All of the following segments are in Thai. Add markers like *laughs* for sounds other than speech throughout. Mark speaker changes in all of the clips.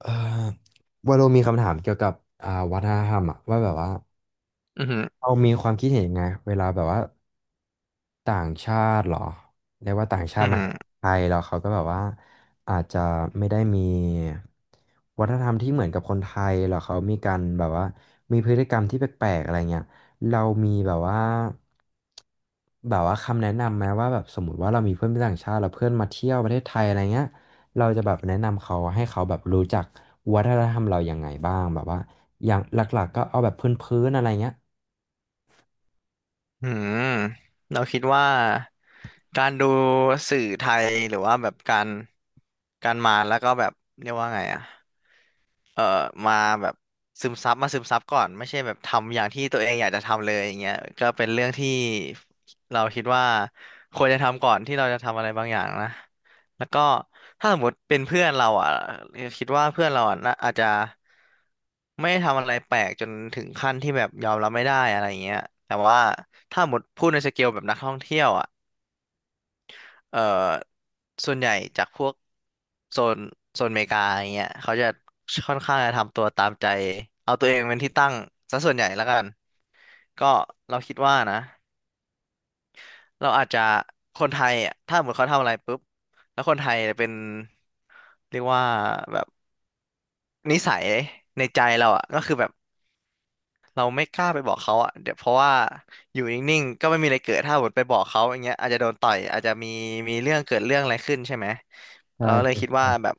Speaker 1: เอ่อวาโลมีคำถามเกี่ยวกับวัฒนธรรมอะว่าแบบว่า
Speaker 2: อือหือ
Speaker 1: เรามีความคิดเห็นยังไงเวลาแบบว่า ต่างชาติเหรอเรียกว่าต่างชา
Speaker 2: อื
Speaker 1: ติ
Speaker 2: อ
Speaker 1: มา
Speaker 2: หือ
Speaker 1: ไทยแล้วเขาก็แบบว่าอาจจะไม่ได้มีวัฒนธรรมที่เหมือนกับคนไทยหรอกเขามีการแบบว่ามีพฤติกรรมที่แปลกๆอะไรเงี้ยเรามีแบบว่าแบบว่าคำแนะนำไหมว่าแบบสมมติว่าเรามีเพื่อนเป็นต่างชาติแล้วเพื่อนมาเที่ยวประเทศไทยอะไรเงี้ยเราจะแบบแนะนำเขาให้เขาแบบรู้จักวัฒนธรรมเรายังไงบ้างแบบว่าอย่างหลักๆก็เอาแบบพื้นๆอะไรเงี้ย
Speaker 2: อือหือเราคิดว่าการดูสื่อไทยหรือว่าแบบการการมาแล้วก็แบบเรียกว่าไงอะ เอ่อมาแบบซึมซับมาซึมซับก่อนไม่ใช่แบบทำอย่างที่ตัวเองอยากจะทำเลยอย่างเงี้ยก็เป็นเรื่องที่เราคิดว่าควรจะทำก่อนที่เราจะทำอะไรบางอย่างนะแล้วก็ถ้าสมมติเป็นเพื่อนเราอ่ะคิดว่าเพื่อนเราอ่ะน่าอาจจะไม่ได้ทำอะไรแปลกจนถึงขั้นที่แบบยอมรับไม่ได้อะไรอย่างเงี้ยแต่ว่าถ้าสมมติพูดในสเกลแบบนักท่องเที่ยวอ่ะ เอ่อส่วนใหญ่จากพวกโซนโซนอเมริกาอย่างเงี้ยเขาจะค่อนข้างจะทำตัวตามใจเอาตัวเองเป็นที่ตั้งซะส่วนใหญ่แล้วกันก็เราคิดว่านะเราอาจจะคนไทยอ่ะถ้าสมมติเขาทำอะไรปุ๊บแล้วคนไทยเป็นเรียกว่าแบบ นิสัยในใจเราอ่ะก็คือแบบเราไม่กล้าไปบอกเขาอ่ะเดี๋ยวเพราะว่าอยู่นิ่งๆก็ไม่มีอะไรเกิดถ้าหมดไปบอกเขาอย่างเงี้ยอาจจะโดนต่อยอาจจะมีมีเรื่องเกิดเรื่องอะไรขึ้นใช่ไหมเราเลยคิดว่าแบบ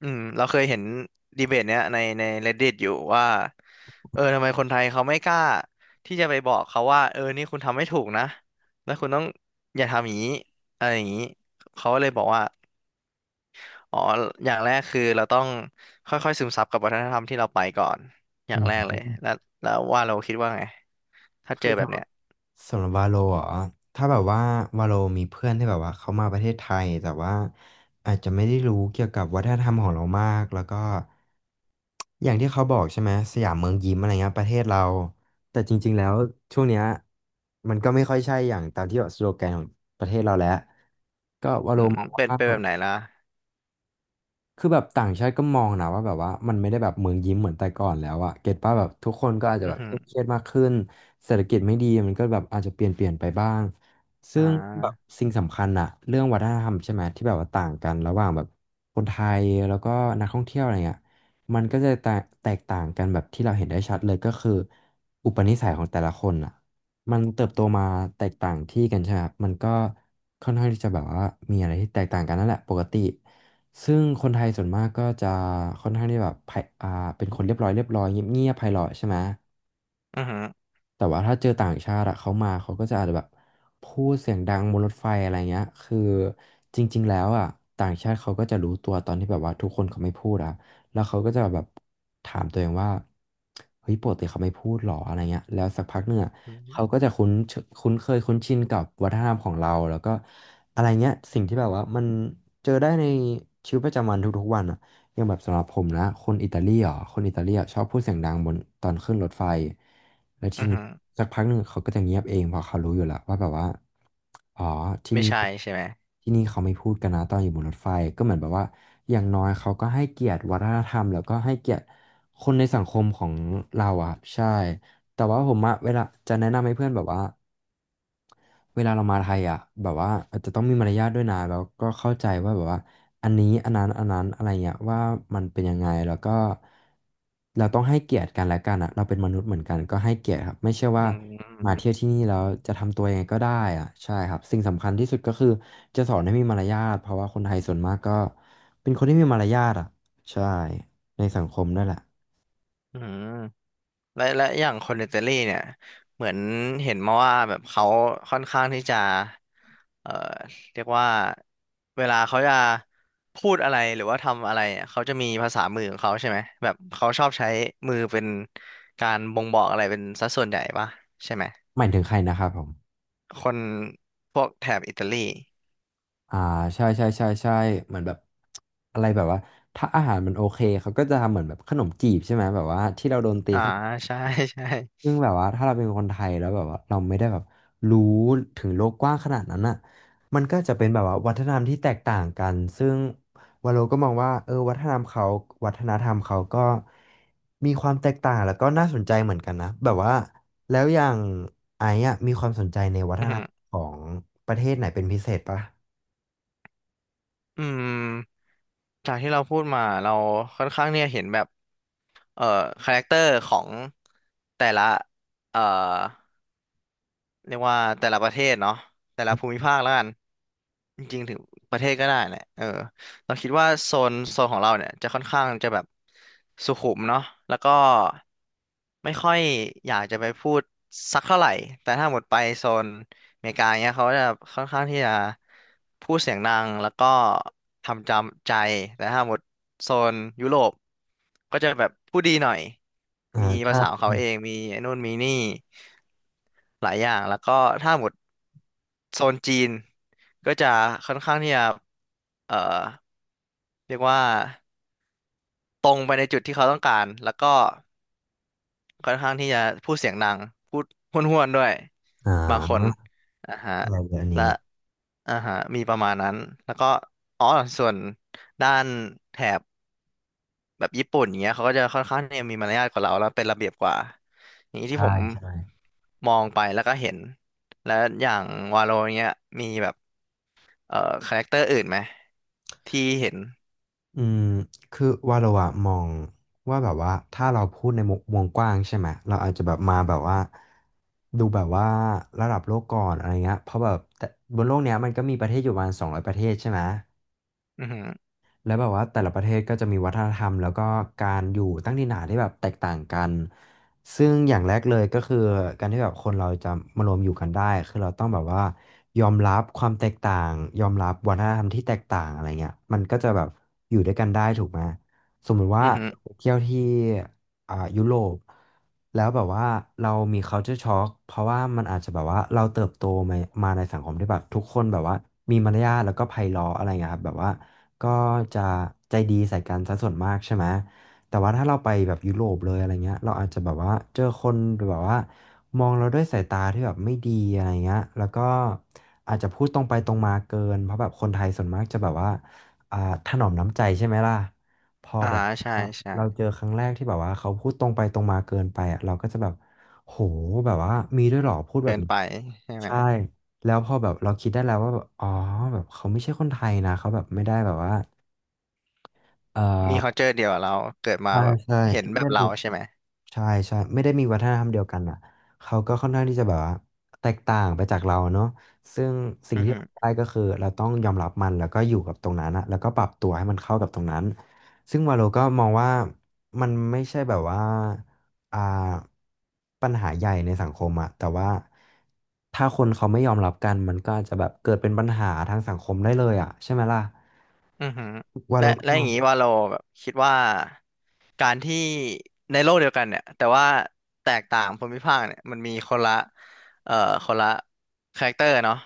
Speaker 2: อืมเราเคยเห็นดีเบตเนี้ยในใน Reddit อยู่ว่าเออทำไมคนไทยเขาไม่กล้าที่จะไปบอกเขาว่าเออนี่คุณทำไม่ถูกนะแล้วคุณต้องอย่าทำอย่างนี้อะไรอย่างนี้เขาก็เลยบอกว่า อ๋ออย่างแรกคือเราต้องค่อยๆซึมซับกับวัฒนธรรมที่เราไปก่อน อ
Speaker 1: อื
Speaker 2: ย่างแรกเลย
Speaker 1: ม
Speaker 2: แล้วแล้วว่าเราคิดว่าไง ถ้าเจ
Speaker 1: คือ
Speaker 2: อแบบ
Speaker 1: สำ
Speaker 2: เนี้ย
Speaker 1: หรับวาโลเหรอถ้าแบบว่าวาโลมีเพื่อนที่แบบว่าเขามาประเทศไทยแต่ว่าอาจจะไม่ได้รู้เกี่ยวกับวัฒนธรรมของเรามากแล้วก็อย่างที่เขาบอกใช่ไหมสยามเมืองยิ้มอะไรเงี้ยประเทศเราแต่จริงๆแล้วช่วงเนี้ยมันก็ไม่ค่อยใช่อย่างตามที่แบบสโลแกนของประเทศเราแล้วก็วา
Speaker 2: อื
Speaker 1: โล
Speaker 2: ม
Speaker 1: มอง
Speaker 2: เป็น
Speaker 1: ว่า
Speaker 2: เป็นแบบไหนล่ะ
Speaker 1: คือแบบต่างชาติก็มองนะว่าแบบว่ามันไม่ได้แบบเมืองยิ้มเหมือนแต่ก่อนแล้วอะเก็ตป่ะแบบทุกคนก็อาจจะ
Speaker 2: อื
Speaker 1: แบ
Speaker 2: อ
Speaker 1: บ
Speaker 2: หื
Speaker 1: เค
Speaker 2: อ
Speaker 1: รียดมากขึ้นเศรษฐกิจไม่ดีมันก็แบบอาจจะเปลี่ยนไปบ้างซึ่
Speaker 2: อ่
Speaker 1: งแบบ
Speaker 2: า
Speaker 1: สิ่งสำคัญอะเรื่องวัฒนธรรมใช่ไหมที่แบบว่าต่างกันระหว่างแบบคนไทยแล้วก็นักท่องเที่ยวอะไรเงี้ยมันก็จะแตกต่างกันแบบที่เราเห็นได้ชัดเลยก็คืออุปนิสัยของแต่ละคนอะมันเติบโตมาแตกต่างที่กันใช่ไหมครับมันก็ค่อนข้างที่จะแบบว่ามีอะไรที่แตกต่างกันนั่นแหละปกติ ซึ่งคนไทยส่วนมากก็จะค่อนข้างที่แบบไพอ่าเป็นคนเรียบร้อยเรียบร้อยเงียบเงียบไพเราะใช่ไหม
Speaker 2: อือหือ
Speaker 1: แต่ว่าถ้าเจอต่างชาติอะเขามาเขาก็จะอาจจะแบบพูดเสียงดังบนรถไฟอะไรเงี้ยคือจริงๆแล้วอะต่างชาติเขาก็จะรู้ตัวตอนที่แบบว่าทุกคนเขาไม่พูดอะแล้วเขาก็จะแบบถามตัวเองว่าเฮ้ยปกติเขาไม่พูดหรออะไรเงี้ยแล้วสักพักหนึ่งอะ
Speaker 2: อือหือ
Speaker 1: เขาก็จะคุ้นเคยคุ้นชินกับวัฒนธรรมของเราแล้วก็อะไรเงี้ยสิ่งที่แบบว่ามันเจอได้ในชีวิตประจำวันทุกๆวันอะ อย่างแบบสำหรับผมนะคนอิตาลีอ่ะคนอิตาลีอ่ะชอบพูดเสียงดังบนตอนขึ้นรถไฟแล้ว
Speaker 2: อื
Speaker 1: ที
Speaker 2: อ
Speaker 1: นี้
Speaker 2: หือ
Speaker 1: สักพักหนึ่งเขาก็จะเงียบเองเพราะเขารู้อยู่แล้วว่าแบบว่าอ๋อที่
Speaker 2: ไม่
Speaker 1: นี่
Speaker 2: ใช่ใช่ไหม
Speaker 1: ที่นี่เขาไม่พูดกันนะตอนอยู่บนรถไฟก็เหมือนแบบว่าอย่างน้อยเขาก็ให้เกียรติวัฒนธรรมแล้วก็ให้เกียรติคนในสังคมของเราอ่ะใช่แต่ว่าผมอะเวลาจะแนะนำให้เพื่อนแบบว่า เวลาเรามาไทยอ่ะแบบว่าอาจจะต้องมีมารยาทด้วยนะแล้วก็เข้าใจว่าแบบว่าอันนี้อันนั้นอะไรเงี้ยว่ามันเป็นยังไงแล้วก็เราต้องให้เกียรติกันและกันอ่ะเราเป็นมนุษย์เหมือนกันก็ให้เกียรติครับไม่ใช่
Speaker 2: อื
Speaker 1: ว่ามา
Speaker 2: ม
Speaker 1: เที่ยวที่นี่แล้วจะทำตัวยังไงก็ได้อ่ะใช่ครับสิ่งสำคัญที่สุดก็คือจะสอนให้มีมารยาทเพราะว่าคนไทยส่วนมากก็เป็นคนที่มีมารยาทอ่ะใช่ในสังคมนั่นแหละ
Speaker 2: อืม และและอย่างคนอิตาลีเนี่ยเหมือนเห็นมาว่าแบบเขาค่อนข้างที่จะเอ่อเรียกว่าเวลาเขาจะพูดอะไรหรือว่าทำอะไรเนี่ยเขาจะมีภาษามือของเขาใช่ไหมแบบเขาชอบใช้มือเป็นการบ่งบอกอะไรเป็นสัดส่วนใหญ่ปะใช่ไหม
Speaker 1: หมายถึงใครนะครับผม
Speaker 2: คนพวกแถบอิตาลี
Speaker 1: อ่าใช่ใช่ใช่ใช่เหมือนแบบอะไรแบบว่าถ้าอาหารมันโอเคเขาก็จะทำเหมือนแบบขนมจีบใช่ไหมแบบว่าที่เราโดนตี
Speaker 2: อ่า
Speaker 1: ขนม
Speaker 2: ใช่ *laughs* ใช่
Speaker 1: ซึ่งแบบว่าถ้าเราเป็นคนไทยแล้วแบบว่าเราไม่ได้แบบรู้ถึงโลกกว้างขนาดนั้นอ่ะมันก็จะเป็นแบบว่าวัฒนธรรมที่แตกต่างกันซึ่งวาโลก็มองว่าเออวัฒนธรรมเขาวัฒนธรรมเขาก็มีความแตกต่างแล้วก็น่าสนใจเหมือนกันนะแบบว่าแล้วอย่างไอ้อะมีความสนใจในวัฒ
Speaker 2: อื
Speaker 1: นธ
Speaker 2: ม
Speaker 1: รรมของประเทศไหนเป็นพิเศษปะ
Speaker 2: อืมจากที่เราพูดมาเราค่อนข้างเนี่ยเห็นแบบเอ่อคาแรคเตอร์ของแต่ละเอ่อ เรียกว่าแต่ละประเทศเนาะแต่ละภูมิภาคแล้วกันจริงๆถึงประเทศก็ได้แหละเออเราคิดว่าโซนโซนของเราเนี่ยจะค่อนข้างจะแบบสุขุมเนาะแล้วก็ไม่ค่อยอยากจะไปพูดสักเท่าไหร่แต่ถ้าหมดไปโซนอเมริกาเนี้ยเขาจะค่อนข้างที่จะพูดเสียงดังแล้วก็ทำจำใจแต่ถ้าหมดโซนยุโรปก็จะแบบพูดดีหน่อย
Speaker 1: อ่า
Speaker 2: มีภา
Speaker 1: ใช่
Speaker 2: ษาของเขา
Speaker 1: ใช่
Speaker 2: เองมีไอ้นู่นมีนี่ หลายอย่างแล้วก็ถ้าหมดโซนจีนก็จะค่อนข้างที่จะเอ่อเรียกว่าตรงไปในจุดที่เขาต้องการแล้วก็ค่อนข้างที่จะพูดเสียงดังพูดห้วนๆด้วย
Speaker 1: อ่า
Speaker 2: บางคนอ่าฮะ
Speaker 1: อะไรเน่น
Speaker 2: และ
Speaker 1: นี้
Speaker 2: อ่าฮะมีประมาณนั้นแล้วก็อ๋อส่วนด้านแถบ แบบญี่ปุ่นเนี้ยเขาก็จะค่อนข้างเนี่ยมีมารยาทกว่าเราแล้วเป็นระเบียบกว่าอย่างนี้ที่
Speaker 1: ใช่
Speaker 2: ผม
Speaker 1: ใช่
Speaker 2: มองไปแล้วก็เห็นแล้วอย่างวาโลเนี้ยมีแบบเอ่อคาแรคเตอร์อื่นไหมที่เห็น
Speaker 1: อืมคือว่าเราอะมองว่าแบบว่าถ้าเราพูดในมุมวงกว้างใช่ไหม เราอาจจะแบบมาแบบว่าดูแบบว่าระดับโลกก่อนอะไรเงี้ยเพราะแบบแต่บนโลกเนี้ยมันก็มีประเทศอยู่ประมาณ200ประเทศใช่ไหม
Speaker 2: อือหือ
Speaker 1: แล้วแบบว่าแต่ละประเทศก็จะมีวัฒนธรรมแล้วก็การอยู่ตั้งถิ่นฐานที่แบบแตกต่างกันซึ่งอย่างแรกเลยก็คือการที่แบบคนเราจะมารวมอยู่กันได้คือเราต้องแบบว่ายอมรับความแตกต่างยอมรับวัฒนธรรมที่แตกต่างอะไรเงี้ยมันก็จะแบบอยู่ด้วยกันได้ถูกไหมสมมุติว่า
Speaker 2: อือหือ
Speaker 1: เราไปเที่ยวที่ยุโรปแล้วแบบว่าเรามี culture shock เพราะว่ามันอาจจะแบบว่าเราเติบโตมามาในสังคมที่แบบทุกคนแบบว่ามีมารยาทแล้วก็ไพเราะอะไรเงี้ยครับแบบว่า ก็จะใจดีใส่กันซะส่วนมากใช่ไหม แต่ว่าถ้าเราไปแบบยุโรปเลยอะไรเงี้ยเราอาจจะแบบว่าเจอคนหรือแบบว่ามองเราด้วยสายตาที่แบบไม่ดีอะไรเงี้ยแล้วก็อาจจะพูดตรงไปตรงมาเกินเพราะแบบคนไทยส่วนมากจะแบบว่าอ่าถนอมน้ำใจใช่ไหมล่ะ พอ
Speaker 2: อ่า
Speaker 1: แบบ
Speaker 2: ใช่
Speaker 1: อ่ะ
Speaker 2: ใช่
Speaker 1: เราเจอครั้งแรกที่แบบว่าเขาพูดตรงไปตรงมาเกินไปอ่ะเราก็จะแบบโหแบบว่ามีด้วยเหรอพูดแบ
Speaker 2: เกิ
Speaker 1: บ
Speaker 2: น
Speaker 1: นี้
Speaker 2: ไปใช่ไหม
Speaker 1: ใช่ แล้วพอแบบเราคิดได้แล้วว่าแบบอ๋อแบบเขาไม่ใช่คนไทยนะ เขาแบบไม่ได้แบบว่าเออ
Speaker 2: มี culture เดียวกับเราเกิดมา
Speaker 1: ใช่
Speaker 2: แบบ
Speaker 1: ใช่
Speaker 2: เห็น
Speaker 1: ไม่
Speaker 2: แบบ
Speaker 1: ได้
Speaker 2: เราใช่ไหม
Speaker 1: ใช่ใช่ไม่ได้มีวัฒนธรรมเดียวกันอ่ะเขาก็ค่อนข้างที่จะแบบว่าแตกต่างไปจากเราเนาะซึ่งสิ่ง
Speaker 2: อือ
Speaker 1: ที่
Speaker 2: หือ
Speaker 1: เราได้ก็คือเราต้องยอมรับมันแล้วก็อยู่กับตรงนั้นอะแล้วก็ปรับตัวให้มันเข้ากับตรงนั้นซึ่งวาโลก็มองว่ามันไม่ใช่แบบว่าอ่าปัญหาใหญ่ในสังคมอะแต่ว่าถ้าคนเขาไม่ยอมรับกันมันก็อาจจะแบบเกิดเป็นปัญหาทางสังคมได้เลยอะใช่ไหมล่ะ
Speaker 2: อือหือ
Speaker 1: วาโล
Speaker 2: และ
Speaker 1: ก็
Speaker 2: และ
Speaker 1: ม
Speaker 2: อ
Speaker 1: อ
Speaker 2: ย่า
Speaker 1: ง
Speaker 2: งนี้ว่าเราแบบคิดว่าการที่ในโลกเดียวกันเนี่ยแต่ว่าแตกต่างภูมิภาคเนี่ยมันมีคนละเอ่อคนละคาแรคเตอร์เนาะ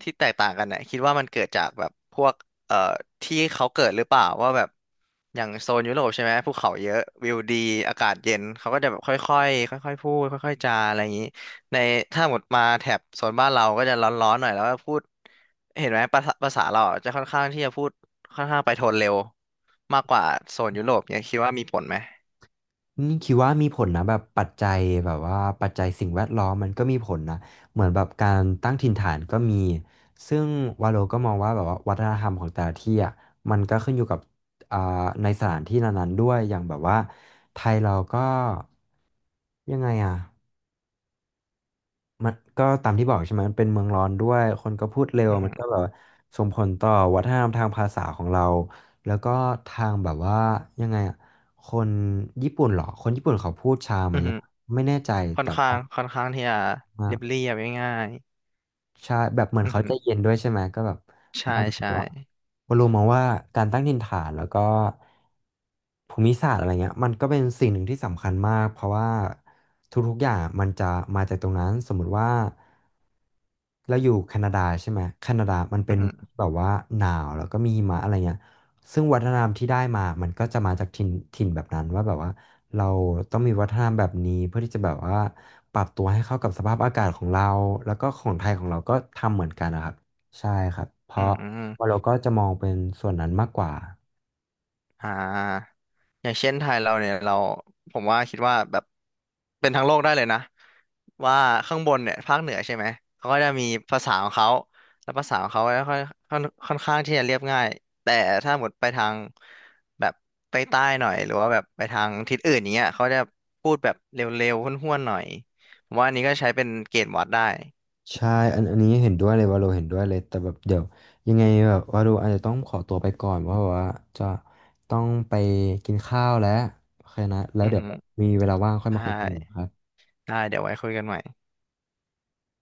Speaker 2: ที่แตกต่างกันเนี่ยคิดว่ามันเกิดจากแบบพวกเอ่อที่เขาเกิดหรือเปล่าว่าแบบอย่างโซนยุโรปใช่ไหมภูเขาเยอะวิวดีอากาศเย็นเขาก็จะแบบค่อยๆค่อยๆพูดค่อยๆจาอะไรอย่างนี้ในถ้าหมดมาแถบโซนบ้านเราก็จะร้อนๆหน่อยแล้วก็พูดเห็นไหมภาษาภาษาเราอะจะค่อนข้างที่จะพูด ค่อนข้างไปโทนเร็วมากกว่าโซนยุโรปเนี่ยคิดว่ามีผลไหม
Speaker 1: นี่คิดว่ามีผลนะแบบปัจจัยแบบว่าปัจจัยสิ่งแวดล้อมมันก็มีผลนะเหมือนแบบการตั้งถิ่นฐานก็มีซึ่งวาโลก็มองว่าแบบว่าวัฒนธรรมของแต่ละที่อ่ะมันก็ขึ้นอยู่กับอ่าในสถานที่นั้นๆด้วยอย่างแบบว่าไทยเราก็ยังไงอ่ะ มันก็ตามที่บอกใช่ไหมมันเป็นเมืองร้อนด้วยคนก็พูดเร็ว
Speaker 2: อือ
Speaker 1: มั
Speaker 2: ฮึ
Speaker 1: นก็แบบส่งผลต่อวัฒนธรรมทางภาษาของเราแล้วก็ทางแบบว่ายังไงอ่ะคนญี่ปุ่นเหรอคนญี่ปุ่นเขาพูดช้าไหม
Speaker 2: อือฮึ
Speaker 1: อะไม่แน่ใจ
Speaker 2: ค่อ
Speaker 1: แต่
Speaker 2: น
Speaker 1: ว
Speaker 2: ข้างค่อนข้างที่จะเรียบ
Speaker 1: ่า
Speaker 2: เรียบง่าย
Speaker 1: ใช่แบบเหมือ
Speaker 2: ๆ
Speaker 1: น
Speaker 2: อือ
Speaker 1: เขา
Speaker 2: ฮึ
Speaker 1: ใจเย็นด้วยใช่ไหมก็แบบ
Speaker 2: ใช่
Speaker 1: มันแบบ
Speaker 2: ใช่
Speaker 1: ว่าเรารู้มาว่าการตั้งถิ่นฐานแล้วก็ภูมิศาสตร์อะไรเงี้ยมันก็เป็นสิ่งหนึ่งที่สำคัญมากเพราะว่าทุกๆอย่างมันจะมาจากตรงนั้นสมมุติว่าเราอยู่แคนาดาใช่ไหมแคนาดามัน
Speaker 2: อื
Speaker 1: เป็น
Speaker 2: อฮึ
Speaker 1: แบบว่าหนาวแล้วก็มีหิมะอะไรเงี้ยซึ่งวัฒนธรรมที่ได้มามันก็จะมาจากถิ่นแบบนั้นว่าแบบว่าเราต้องมีวัฒนธรรมแบบนี้เพื่อที่จะแบบว่า ปรับตัวให้เข้ากับสภาพอากาศของเราแล้วก็ของไทยของเราก็ทำเหมือนกันนะครับใช่ครับเพ
Speaker 2: อื
Speaker 1: ราะว่า
Speaker 2: ม
Speaker 1: เราก็จะมองเป็นส่วนนั้นมากกว่า
Speaker 2: อ่าอย่างเช่นไทยเราเนี่ยเราผมว่าคิดว่าแบบเป็นทั้งโลกได้เลยนะว่าข้างบนเนี่ยภาคเหนือใช่ไหมเขาก็จะมีภาษาของเขาแล้วภาษาของเขาก็ค่อนค่อนค่อนข้างที่จะเรียบง่ายแต่ถ้าหมดไปทางแบบใต้ๆหน่อยหรือว่าแบบไปทางทิศอื่นอย่างเงี้ยเขาจะพูดแบบเร็วๆห้วนๆหน่อยผมว่าอันนี้ก็ใช้เป็นเกณฑ์วัดได้
Speaker 1: ใช่อันนี้เห็นด้วยเลยว่าเราเห็นด้วยเลยแต่แบบเดี๋ยวยังไงแบบว่าเราอาจจะต้องขอตัวไปก่อนเพราะว่าจะต้องไปกินข้าวแล้วโอเคนะแล้ว
Speaker 2: อือ
Speaker 1: เดี๋ยว
Speaker 2: ฮึ
Speaker 1: มีเวลาว่างค่อย
Speaker 2: ไ
Speaker 1: มาคุยกันอีก
Speaker 2: ด้
Speaker 1: ครับ
Speaker 2: ได้เดี๋ยวไว้คุยกันใหม่